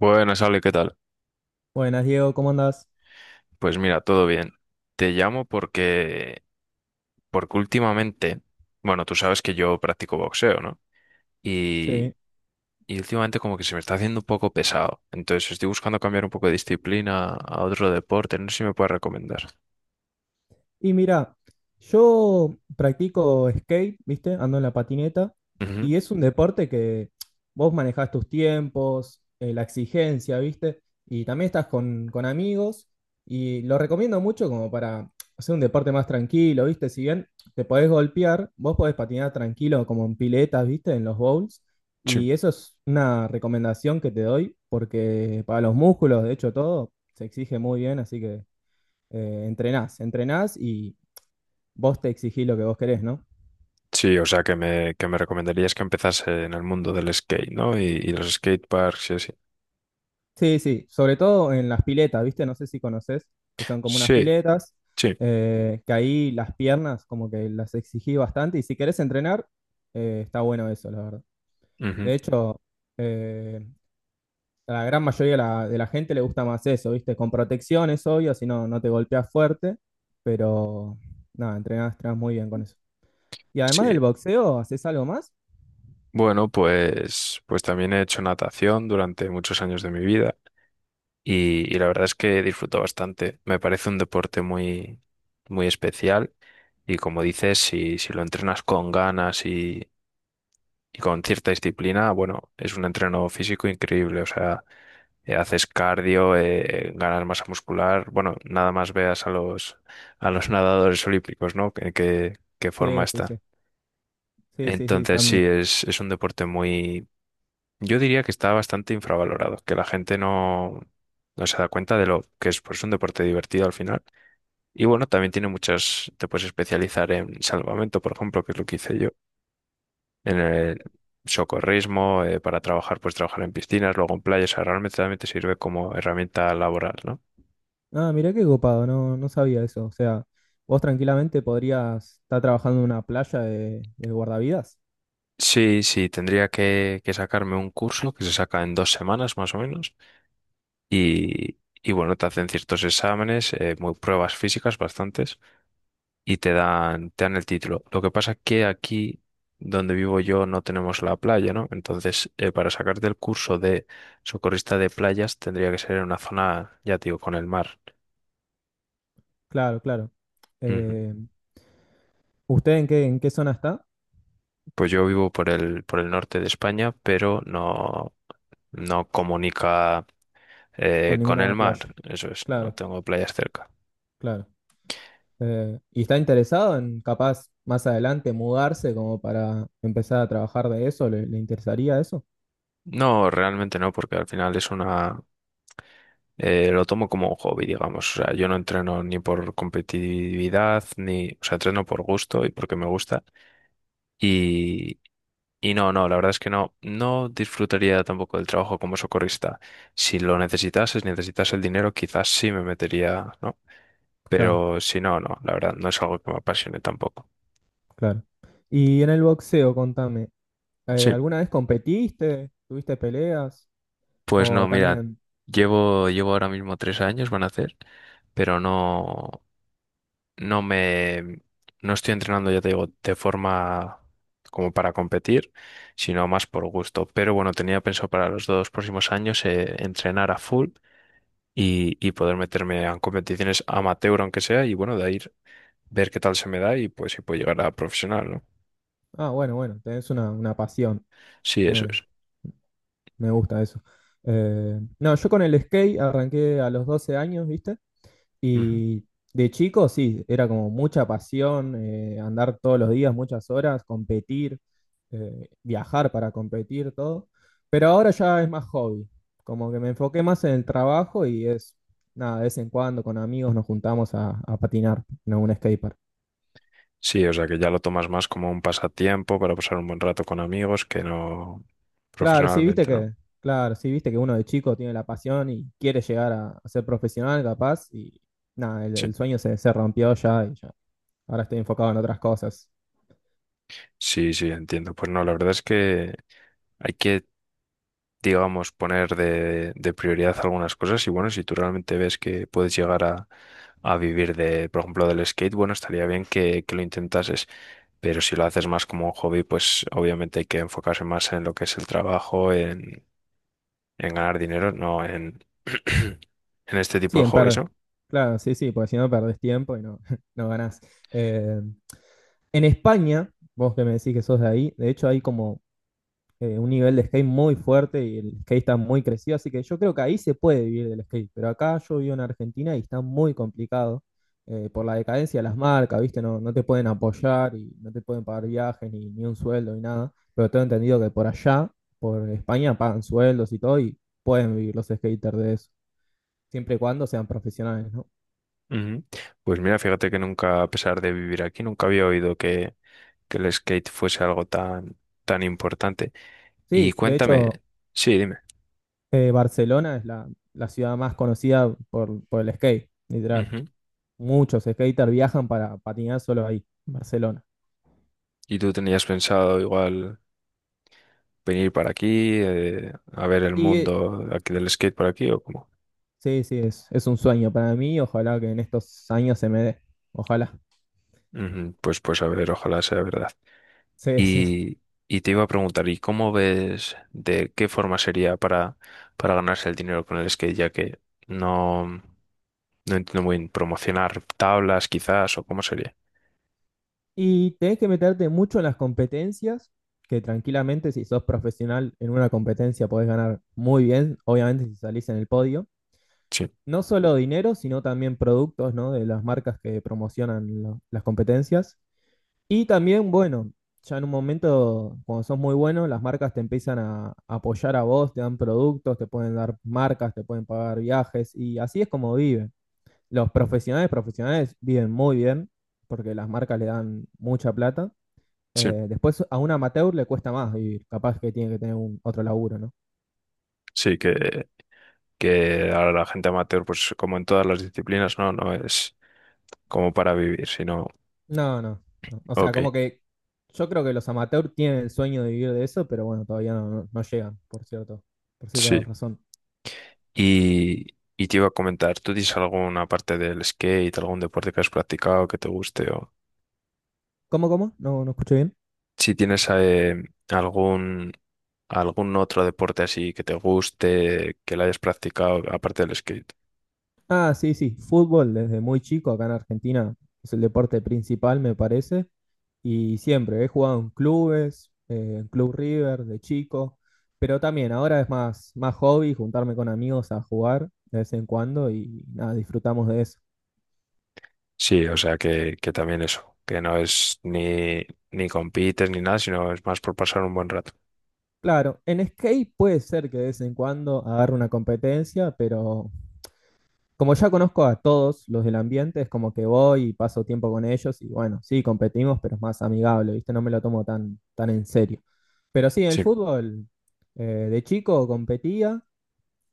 Buenas, Ale, ¿qué tal? Buenas, Diego, ¿cómo andás? Pues mira, todo bien. Te llamo porque últimamente, bueno, tú sabes que yo practico boxeo, ¿no? Y, Sí. y últimamente como que se me está haciendo un poco pesado. Entonces estoy buscando cambiar un poco de disciplina a otro deporte. No sé si me puedes recomendar. Y mira, yo practico skate, ¿viste? Ando en la patineta Ujú. y es un deporte que vos manejás tus tiempos, la exigencia, ¿viste? Y también estás con amigos y lo recomiendo mucho como para hacer un deporte más tranquilo, ¿viste? Si bien te podés golpear, vos podés patinar tranquilo como en piletas, ¿viste? En los bowls. Sí. Y eso es una recomendación que te doy porque para los músculos, de hecho, todo se exige muy bien, así que entrenás, entrenás y vos te exigís lo que vos querés, ¿no? Sí, o sea, que me recomendarías que empezase en el mundo del skate, ¿no? Y los skateparks y así. Sí, sí, sobre todo en las piletas, ¿viste? No sé si conoces, que son como unas Sí, piletas, sí. Que ahí las piernas como que las exigí bastante y si querés entrenar, está bueno eso, la verdad. Ujú. De hecho, eh, a la gran mayoría de la gente le gusta más eso, ¿viste? Con protección es obvio, si no, no te golpeas fuerte, pero nada, entrenás, entrenás muy bien con eso. Y Sí. además del boxeo, ¿haces algo más? Bueno, pues también he hecho natación durante muchos años de mi vida. Y la verdad es que disfruto bastante. Me parece un deporte muy, muy especial y como dices, si lo entrenas con ganas y con cierta disciplina, bueno, es un entreno físico increíble. O sea, haces cardio, ganas masa muscular. Bueno, nada más veas a los nadadores olímpicos, ¿no? ¿Qué forma Sí, sí, está. sí, sí, sí, sí, Entonces sí, también. es un deporte muy, yo diría que está bastante infravalorado, que la gente no se da cuenta de lo que es pues un deporte divertido al final. Y bueno, también tiene muchas, te puedes especializar en salvamento, por ejemplo, que es lo que hice yo, en el socorrismo, para trabajar, pues trabajar en piscinas, luego en playas, o sea, realmente también te sirve como herramienta laboral, ¿no? Ah, mirá qué copado, no, no sabía eso. O sea, vos tranquilamente podrías estar trabajando en una playa de guardavidas. Sí, sí, tendría que sacarme un curso que se saca en 2 semanas más o menos. Y bueno, te hacen ciertos exámenes, muy pruebas físicas bastantes. Y te dan el título. Lo que pasa es que aquí donde vivo yo no tenemos la playa, ¿no? Entonces, para sacarte el curso de socorrista de playas tendría que ser en una zona, ya te digo, con el mar. Claro, claro. Ujú. Eh, ¿Usted en qué zona está? Pues yo vivo por el norte de España, pero no, no comunica Con con el ninguna mar. playa. Eso es, no Claro, tengo playas cerca. claro. ¿Y está interesado en capaz más adelante mudarse como para empezar a trabajar de eso? ¿Le interesaría eso? No, realmente no, porque al final es una... Lo tomo como un hobby, digamos. O sea, yo no entreno ni por competitividad, ni, o sea, entreno por gusto y porque me gusta. Y, y no, no, la verdad es que no, no disfrutaría tampoco del trabajo como socorrista. Si lo necesitases, necesitas el dinero, quizás sí me metería, ¿no? Claro, Pero si no, no, la verdad, no es algo que me apasione tampoco. claro. Y en el boxeo, contame, Sí, ¿alguna vez competiste? ¿Tuviste peleas? pues ¿O no, mira, también? llevo ahora mismo 3 años, van a hacer, pero no. no me, no estoy entrenando, ya te digo, de forma como para competir, sino más por gusto. Pero bueno, tenía pensado para los 2 próximos años entrenar a full y poder meterme a competiciones amateur, aunque sea, y bueno, de ahí ver qué tal se me da y pues si puedo llegar a profesional, ¿no? Ah, bueno, bueno, tenés una pasión. Sí, eso Me, es. me gusta eso. No, yo con el skate arranqué a los 12 años, ¿viste? Ujú. Y de chico, sí, era como mucha pasión, andar todos los días, muchas horas, competir, viajar para competir, todo. Pero ahora ya es más hobby. Como que me enfoqué más en el trabajo y es, nada, de vez en cuando con amigos nos juntamos a patinar en un skatepark. Sí, o sea que ya lo tomas más como un pasatiempo para pasar un buen rato con amigos que no Claro, sí, viste profesionalmente, ¿no? que, claro, sí, viste que uno de chico tiene la pasión y quiere llegar a ser profesional, capaz, y nada, el, Sí, el sueño se rompió ya y ya. Ahora estoy enfocado en otras cosas. sí, sí, entiendo. Pues no, la verdad es que hay que, digamos, poner de prioridad algunas cosas y bueno, si tú realmente ves que puedes llegar a vivir de, por ejemplo, del skate, bueno, estaría bien que lo intentases, pero si lo haces más como un hobby, pues obviamente hay que enfocarse más en lo que es el trabajo, en ganar dinero, no en este tipo Sí, de en hobbies, perder. ¿no? Claro, sí, sí, porque si no perdés tiempo y no, no ganás. Eh, en España, vos que me decís que sos de ahí, de hecho hay como un nivel de skate muy fuerte y el skate está muy crecido, así que yo creo que ahí se puede vivir del skate, pero acá yo vivo en Argentina y está muy complicado por la decadencia de las marcas, ¿viste? No, no te pueden apoyar y no te pueden pagar viajes ni un sueldo ni nada, pero tengo entendido que por allá, por España, pagan sueldos y todo y pueden vivir los skaters de eso, siempre y cuando sean profesionales, ¿no? Ujú. Pues mira, fíjate que nunca, a pesar de vivir aquí, nunca había oído que el skate fuese algo tan, tan importante. Y Sí, de hecho, cuéntame, sí, dime. Barcelona es la ciudad más conocida por el skate, literal. Muchos skaters viajan para patinar solo ahí, en Barcelona. ¿Y tú tenías pensado igual venir para aquí, a ver el Y mundo aquí del skate por aquí o cómo? sí, sí, es un sueño para mí. Ojalá que en estos años se me dé. Ojalá. Ujú. Pues a ver, ojalá sea verdad. Sí, sí. Y, y te iba a preguntar, ¿y cómo ves de qué forma sería para ganarse el dinero con el skate? Ya que no, no entiendo muy bien, promocionar tablas quizás o cómo sería. Y tenés que meterte mucho en las competencias, que tranquilamente si sos profesional en una competencia podés ganar muy bien, obviamente si salís en el podio. Sí, No solo dinero, sino también productos, ¿no? De las marcas que promocionan las competencias. Y también, bueno, ya en un momento, cuando sos muy bueno, las marcas te empiezan a apoyar a vos, te dan productos, te pueden dar marcas, te pueden pagar viajes, y así es como viven. Los profesionales, profesionales viven muy bien, porque las marcas le dan mucha plata. sí, Después a un amateur le cuesta más vivir, capaz que tiene que tener otro laburo, ¿no? sí, que ahora la gente amateur, pues como en todas las disciplinas, no, no es como para vivir, sino, No, no, no. O sea, ok. como que yo creo que los amateurs tienen el sueño de vivir de eso, pero bueno, todavía no, no llegan, por cierto, por cierta Sí. razón. Y te iba a comentar, ¿tú tienes alguna parte del skate, algún deporte que has practicado que te guste? O ¿Cómo? No, no escuché bien. si tienes algún, algún otro deporte así que te guste, que lo hayas practicado, aparte del skate. Ah, sí, sí, fútbol desde muy chico acá en Argentina es el deporte principal, me parece, y siempre he jugado en clubes, en Club River de chico, pero también ahora es más hobby juntarme con amigos a jugar de vez en cuando y nada, disfrutamos de eso. Sí, o sea que también eso, que no es ni, ni compites ni nada, sino es más por pasar un buen rato. Claro, en skate puede ser que de vez en cuando agarre una competencia, pero como ya conozco a todos los del ambiente, es como que voy y paso tiempo con ellos y bueno, sí, competimos, pero es más amigable, ¿viste? No me lo tomo tan, tan en serio. Pero sí, en el Sí, fútbol, eh, de chico competía,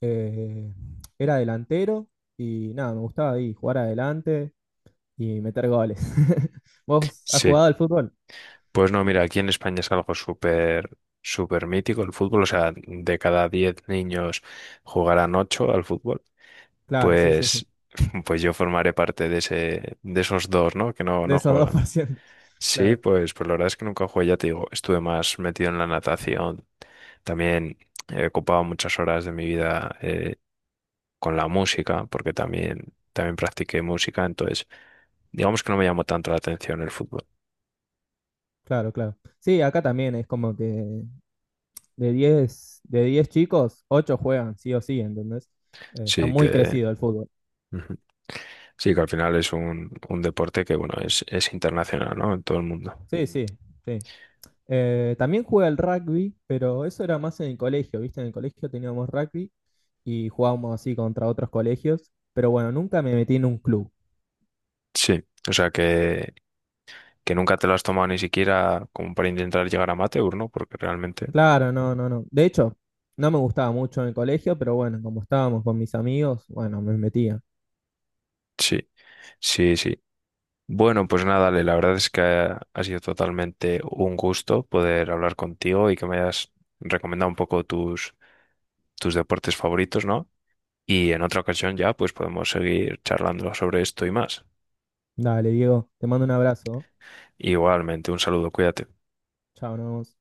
eh, era delantero y nada, me gustaba ahí jugar adelante y meter goles. ¿Vos has sí. jugado al fútbol? Pues no, mira, aquí en España es algo súper, súper mítico el fútbol. O sea, de cada 10 niños jugarán 8 al fútbol. Claro, sí, sí, sí. Pues, pues yo formaré parte de esos dos, ¿no? Que no, De no esos dos juegan. por ciento Sí, Claro, pues la verdad es que nunca jugué, ya te digo, estuve más metido en la natación. También he ocupado muchas horas de mi vida con la música, porque también, también practiqué música, entonces digamos que no me llamó tanto la atención el fútbol. claro, claro. Sí, acá también es como que de 10 de 10 chicos, 8 juegan, sí o sí, ¿entendés? Está Sí muy que, crecido el fútbol. ujú. Sí que al final es un deporte que, bueno, es internacional, ¿no? En todo el mundo. Sí, sí, sí. También juega el rugby, pero eso era más en el colegio, ¿viste? En el colegio teníamos rugby y jugábamos así contra otros colegios, pero bueno, nunca me metí en un club. Sí, o sea que nunca te lo has tomado ni siquiera como para intentar llegar a amateur, ¿no? Porque realmente, Claro, no, no, no. De hecho, no me gustaba mucho en el colegio, pero bueno, como estábamos con mis amigos, bueno, me metía. sí, sí, sí. Bueno, pues nada, Ale, la verdad es que ha sido totalmente un gusto poder hablar contigo y que me hayas recomendado un poco tus, tus deportes favoritos, ¿no? Y en otra ocasión ya, pues podemos seguir charlando sobre esto y más. Dale, Diego, te mando un abrazo, ¿no? Igualmente, un saludo, cuídate. Chao, nos vemos.